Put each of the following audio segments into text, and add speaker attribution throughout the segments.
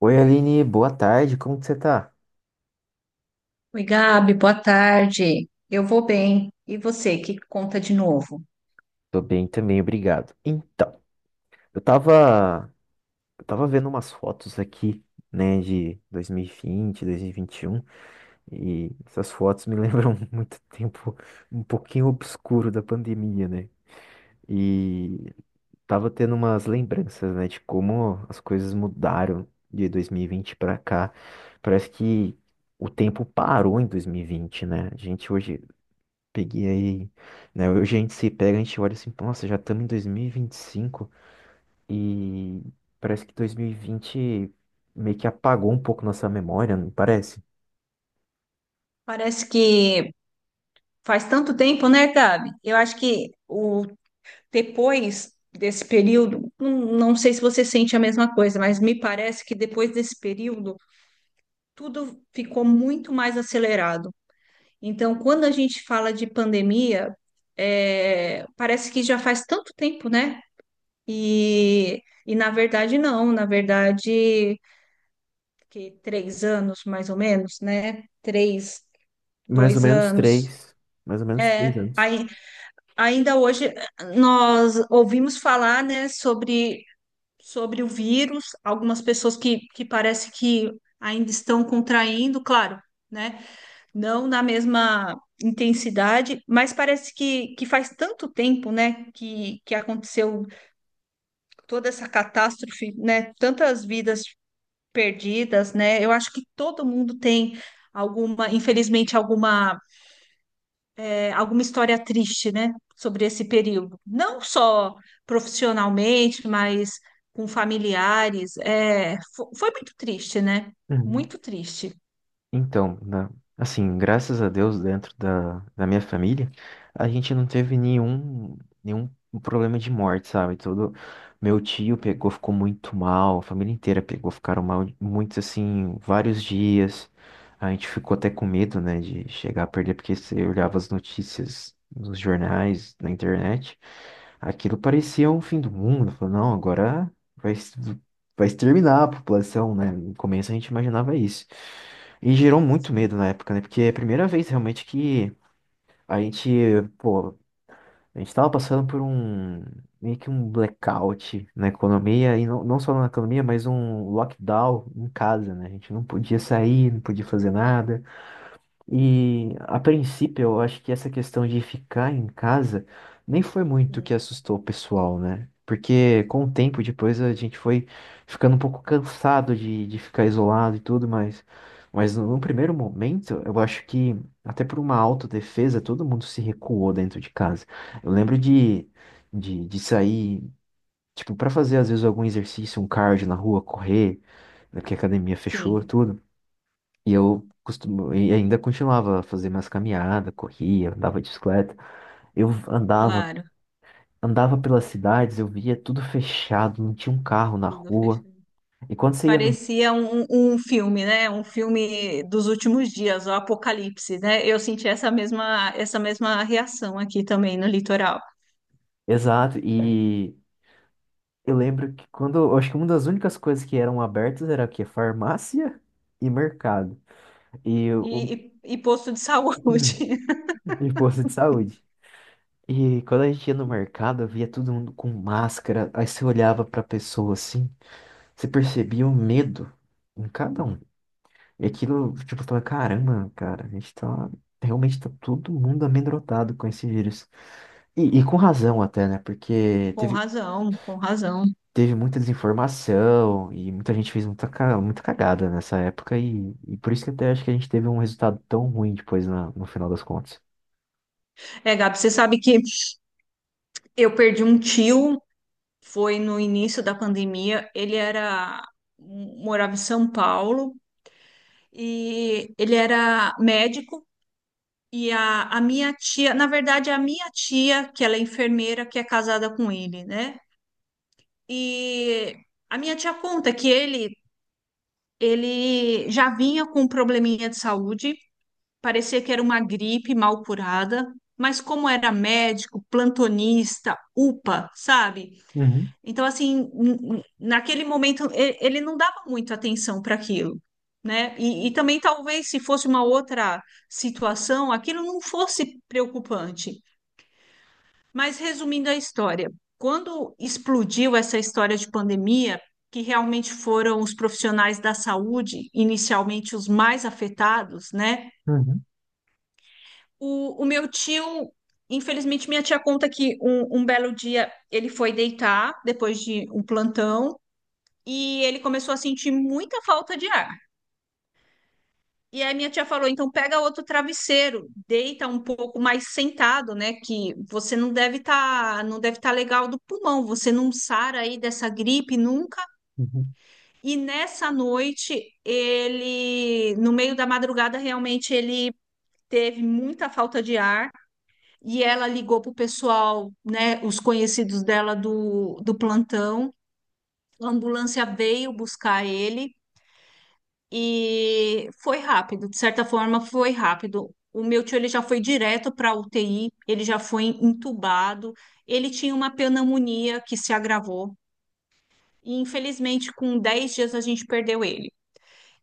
Speaker 1: Oi, Aline, boa tarde, como que você tá?
Speaker 2: Oi, Gabi, boa tarde. Eu vou bem. E você, que conta de novo?
Speaker 1: Tô bem também, obrigado. Então, eu tava, eu tava vendo umas fotos aqui, né, de 2020, 2021, 2021, e essas fotos me lembram muito tempo um pouquinho obscuro da pandemia, né? E tava tendo umas lembranças, né, de como as coisas mudaram de 2020 pra cá. Parece que o tempo parou em 2020, né? A gente hoje Peguei aí, né? Hoje a gente se pega, a gente olha assim, nossa, já estamos em 2025 e vinte e cinco e parece que 2020 meio que apagou um pouco nossa memória, não parece?
Speaker 2: Parece que faz tanto tempo, né, Gabi? Eu acho que o depois desse período, não, não sei se você sente a mesma coisa, mas me parece que depois desse período tudo ficou muito mais acelerado. Então, quando a gente fala de pandemia, é, parece que já faz tanto tempo, né? E na verdade, não. Na verdade, que 3 anos mais ou menos, né? Três,
Speaker 1: Mais ou
Speaker 2: dois
Speaker 1: menos
Speaker 2: anos.
Speaker 1: três, mais ou menos três
Speaker 2: É,
Speaker 1: anos.
Speaker 2: ainda hoje nós ouvimos falar, né, sobre o vírus, algumas pessoas que parece que ainda estão contraindo, claro, né? Não na mesma intensidade, mas parece que faz tanto tempo, né, que aconteceu toda essa catástrofe, né? Tantas vidas perdidas, né? Eu acho que todo mundo tem alguma, infelizmente, alguma, alguma história triste, né? Sobre esse período. Não só profissionalmente, mas com familiares. É, foi, muito triste, né?
Speaker 1: Uhum.
Speaker 2: Muito triste.
Speaker 1: Então, assim, graças a Deus, dentro da minha família, a gente não teve nenhum problema de morte, sabe? Todo meu tio pegou, ficou muito mal, a família inteira pegou, ficaram mal muitos, assim, vários dias. A gente ficou até com medo, né, de chegar a perder, porque você olhava as notícias nos jornais, na internet, aquilo parecia um fim do mundo. Falou, não, agora vai, es- vai exterminar a população, né? No começo a gente imaginava isso. E gerou muito medo
Speaker 2: Sim.
Speaker 1: na época, né? Porque é a primeira vez realmente que a gente, pô, a gente tava passando por meio que um blackout na economia, e não, não só na economia, mas um lockdown em casa, né? A gente não podia sair, não podia fazer nada. E a princípio, eu acho que essa questão de ficar em casa nem foi muito o
Speaker 2: Sim,
Speaker 1: que assustou o pessoal, né? Porque com o tempo depois a gente foi ficando um pouco cansado de ficar isolado e tudo, mas no primeiro momento, eu acho que até por uma autodefesa, todo mundo se recuou dentro de casa. Eu lembro de sair, tipo, para fazer às vezes algum exercício, um cardio na rua, correr, né, porque a academia fechou,
Speaker 2: sim,
Speaker 1: tudo. E ainda continuava a fazer minhas caminhadas, corria, andava de bicicleta. Eu andava,
Speaker 2: claro.
Speaker 1: andava pelas cidades, eu via tudo fechado, não tinha um carro na
Speaker 2: Tudo
Speaker 1: rua.
Speaker 2: fechado.
Speaker 1: E quando você ia no.
Speaker 2: Parecia um filme, né? Um filme dos últimos dias, o Apocalipse, né? Eu senti essa mesma reação aqui também no litoral.
Speaker 1: Exato, e eu lembro que quando, eu acho que uma das únicas coisas que eram abertas era o quê? Farmácia e mercado. E
Speaker 2: E,
Speaker 1: o
Speaker 2: e, e posto de saúde.
Speaker 1: E posto de saúde. E quando a gente ia no mercado, eu via todo mundo com máscara. Aí você olhava pra pessoa assim, você percebia o medo em cada um. E aquilo, tipo, fala, caramba, cara, a gente tá. Realmente tá todo mundo amedrontado com esse vírus. E com razão até, né?
Speaker 2: E
Speaker 1: Porque
Speaker 2: com razão, com razão.
Speaker 1: teve muita desinformação e muita gente fez muita cagada nessa época. E por isso que até acho que a gente teve um resultado tão ruim depois no final das contas.
Speaker 2: É, Gabi, você sabe que eu perdi um tio, foi no início da pandemia. Ele era, morava em São Paulo e ele era médico. E a minha tia, na verdade, a minha tia, que ela é enfermeira, que é casada com ele, né? E a minha tia conta que ele já vinha com um probleminha de saúde, parecia que era uma gripe mal curada, mas como era médico, plantonista, UPA, sabe?
Speaker 1: Uhum,
Speaker 2: Então, assim, naquele momento, ele não dava muito atenção para aquilo. Né? E também talvez se fosse uma outra situação, aquilo não fosse preocupante. Mas resumindo a história, quando explodiu essa história de pandemia, que realmente foram os profissionais da saúde, inicialmente os mais afetados, né?
Speaker 1: uhum,
Speaker 2: O meu tio, infelizmente, minha tia conta que um belo dia ele foi deitar depois de um plantão e ele começou a sentir muita falta de ar. E aí minha tia falou, então pega outro travesseiro, deita um pouco mais sentado, né? Que você não deve estar legal do pulmão, você não sara aí dessa gripe nunca.
Speaker 1: uhum.
Speaker 2: E nessa noite ele, no meio da madrugada, realmente ele teve muita falta de ar e ela ligou pro pessoal, né? Os conhecidos dela do plantão. A ambulância veio buscar ele. E foi rápido, de certa forma foi rápido. O meu tio ele já foi direto para a UTI, ele já foi entubado, ele tinha uma pneumonia que se agravou e infelizmente com 10 dias a gente perdeu ele.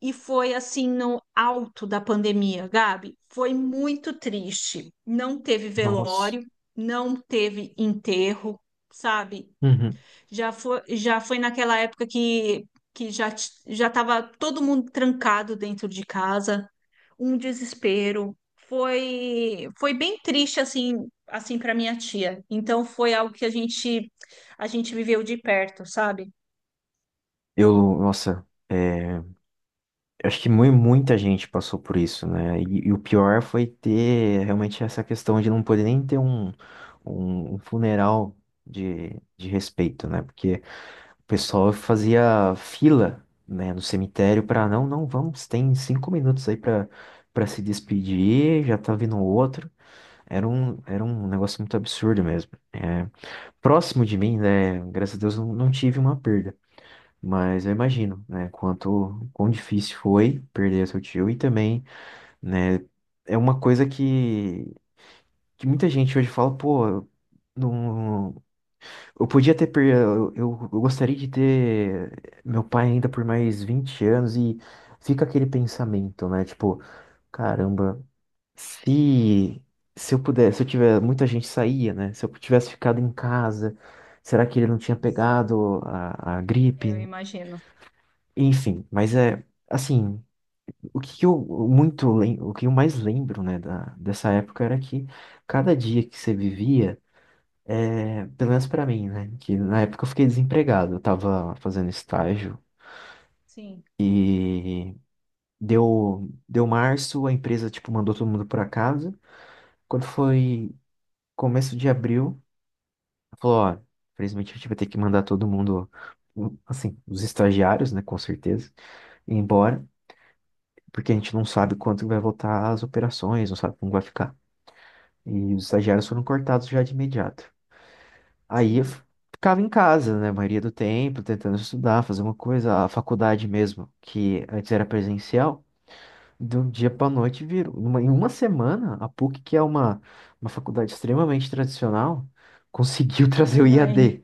Speaker 2: E foi assim no alto da pandemia, Gabi, foi muito triste. Não teve
Speaker 1: Nossa.
Speaker 2: velório, não teve enterro, sabe?
Speaker 1: Uhum.
Speaker 2: Já foi naquela época que já estava todo mundo trancado dentro de casa, um desespero. Foi bem triste assim para minha tia. Então foi algo que a gente viveu de perto, sabe?
Speaker 1: Nossa. Eu acho que muita gente passou por isso, né? E o pior foi ter realmente essa questão de não poder nem ter um funeral de, de respeito, né? Porque o pessoal
Speaker 2: Sim,
Speaker 1: fazia fila, né, no cemitério para não, não, vamos, tem 5 minutos aí para se despedir, já tá vindo outro. Era um negócio muito absurdo mesmo. Próximo de mim, né? Graças a Deus não, não tive uma perda. Mas eu imagino, né, quão difícil foi perder seu tio e também, né, é uma coisa que muita gente hoje fala, pô, eu não, eu podia ter, per- eu gostaria de ter meu pai ainda por mais 20 anos e fica aquele pensamento, né, tipo, caramba, se, se eu pudesse, se eu tiver, muita gente saía, né, se eu tivesse ficado em casa, será que ele não tinha
Speaker 2: sim.
Speaker 1: pegado a gripe?
Speaker 2: Eu imagino.
Speaker 1: Enfim, mas é assim, o que eu o que eu mais lembro, né, dessa época era que cada dia que você vivia, pelo menos pra mim, né, que na época eu fiquei desempregado, eu tava fazendo estágio
Speaker 2: Sim,
Speaker 1: e deu março, a empresa tipo mandou todo mundo pra casa. Quando foi começo de abril, falou, ó, infelizmente a gente vai ter que mandar todo mundo, assim, os estagiários, né, com certeza, embora. Porque a gente não sabe quanto vai voltar as operações, não sabe como vai ficar. E os estagiários foram cortados já de imediato. Aí eu
Speaker 2: sim.
Speaker 1: f- ficava em casa, né, a maioria do tempo, tentando estudar, fazer uma coisa. A faculdade mesmo, que antes era presencial, de um dia para noite virou. Em uma semana, a PUC, que é uma faculdade extremamente tradicional, conseguiu trazer o
Speaker 2: Online,
Speaker 1: IAD.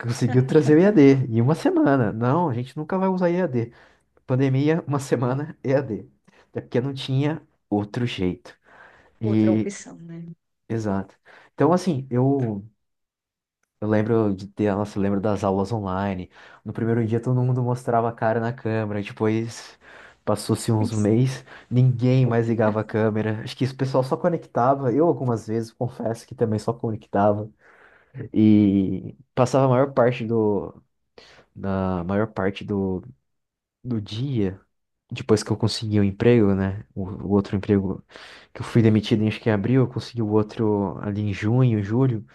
Speaker 1: Conseguiu trazer o IAD em uma semana. Não, a gente nunca vai usar IAD. Pandemia, uma semana e a EAD. Até porque não tinha outro jeito.
Speaker 2: outra
Speaker 1: E,
Speaker 2: opção, né?
Speaker 1: exato. Então, assim, eu, lembro de ter, nossa, eu lembro das aulas online. No primeiro dia todo mundo mostrava a cara na câmera, depois passou-se uns meses, ninguém mais ligava a câmera. Acho que o pessoal só conectava, eu algumas vezes confesso que também só conectava. E passava a maior parte do, da maior parte do, do dia. Depois que eu consegui o emprego, né? O outro emprego que eu fui demitido em acho que em abril, eu consegui o outro ali em junho, julho.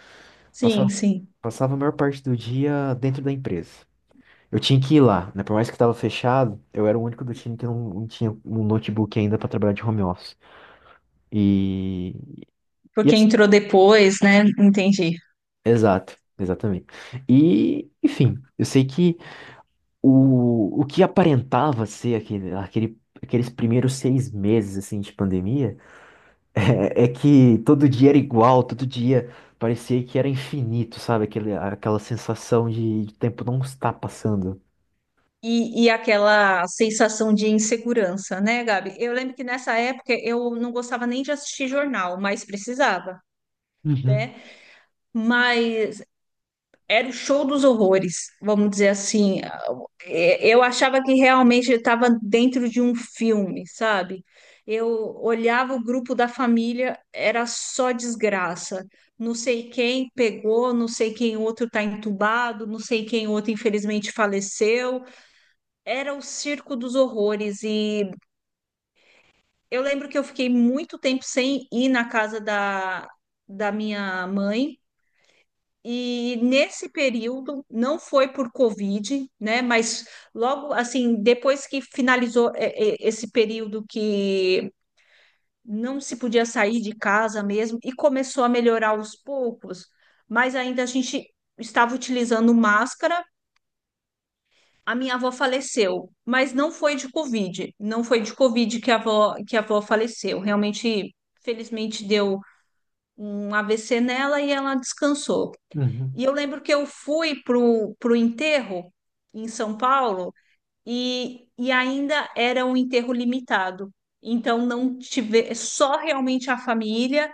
Speaker 2: Sim,
Speaker 1: Passava,
Speaker 2: sim.
Speaker 1: passava a maior parte do dia dentro da empresa. Eu tinha que ir lá, né? Por mais que estava fechado, eu era o único do time que não, não tinha um notebook ainda para trabalhar de home office. E, e
Speaker 2: Porque
Speaker 1: assim,
Speaker 2: entrou depois, né? Entendi.
Speaker 1: exato, exatamente. E, enfim, eu sei que o que aparentava ser aqueles primeiros 6 meses assim de pandemia. É que todo dia era igual, todo dia parecia que era infinito, sabe? Aquela sensação de tempo não está passando.
Speaker 2: E aquela sensação de insegurança, né, Gabi? Eu lembro que nessa época eu não gostava nem de assistir jornal, mas precisava,
Speaker 1: Uhum,
Speaker 2: né? Mas era o show dos horrores, vamos dizer assim. É, eu achava que realmente estava dentro de um filme, sabe? Eu olhava o grupo da família, era só desgraça. Não sei quem pegou, não sei quem outro está entubado, não sei quem outro infelizmente faleceu. Era o Circo dos Horrores e eu lembro que eu fiquei muito tempo sem ir na casa da minha mãe. E nesse período, não foi por Covid, né? Mas logo assim, depois que finalizou esse período que não se podia sair de casa mesmo e começou a melhorar aos poucos, mas ainda a gente estava utilizando máscara. A minha avó faleceu, mas não foi de Covid. Não foi de Covid que a avó faleceu. Realmente, felizmente, deu um AVC nela e ela descansou.
Speaker 1: uhum,
Speaker 2: E eu lembro que eu fui pro enterro em São Paulo e ainda era um enterro limitado. Então não tive, só realmente a família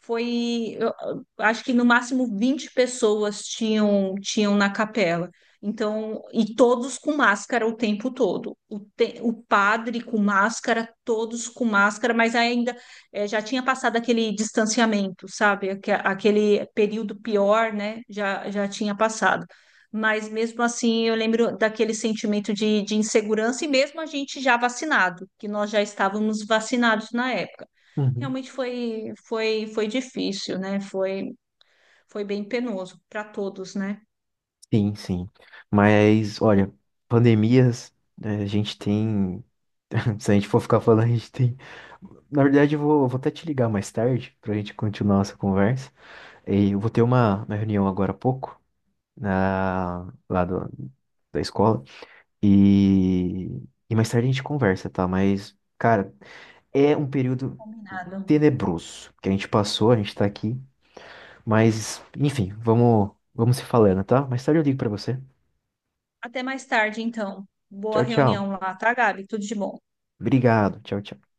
Speaker 2: foi, eu acho que no máximo 20 pessoas tinham na capela. Então, e todos com máscara o tempo todo. O padre com máscara, todos com máscara, mas ainda já tinha passado aquele distanciamento, sabe? Aquele período pior, né? Já tinha passado. Mas mesmo assim, eu lembro daquele sentimento de insegurança, e mesmo a gente já vacinado, que nós já estávamos vacinados na época.
Speaker 1: uhum.
Speaker 2: Realmente foi difícil, né? Foi bem penoso para todos, né?
Speaker 1: Sim, sim. Mas, olha, pandemias, né, a gente tem. Se a gente for ficar falando, a gente tem. Na verdade, eu vou até te ligar mais tarde pra gente continuar essa conversa. E eu vou ter uma reunião agora há pouco, na, lá do- da escola. E, e mais tarde a gente conversa, tá? Mas, cara, é um período
Speaker 2: Combinado.
Speaker 1: tenebroso que a gente passou, a gente tá aqui, mas enfim, vamos se falando, tá? Mais tarde eu ligo pra você.
Speaker 2: Até mais tarde, então. Boa
Speaker 1: Tchau, tchau.
Speaker 2: reunião lá, tá, Gabi? Tudo de bom.
Speaker 1: Obrigado. Tchau, tchau.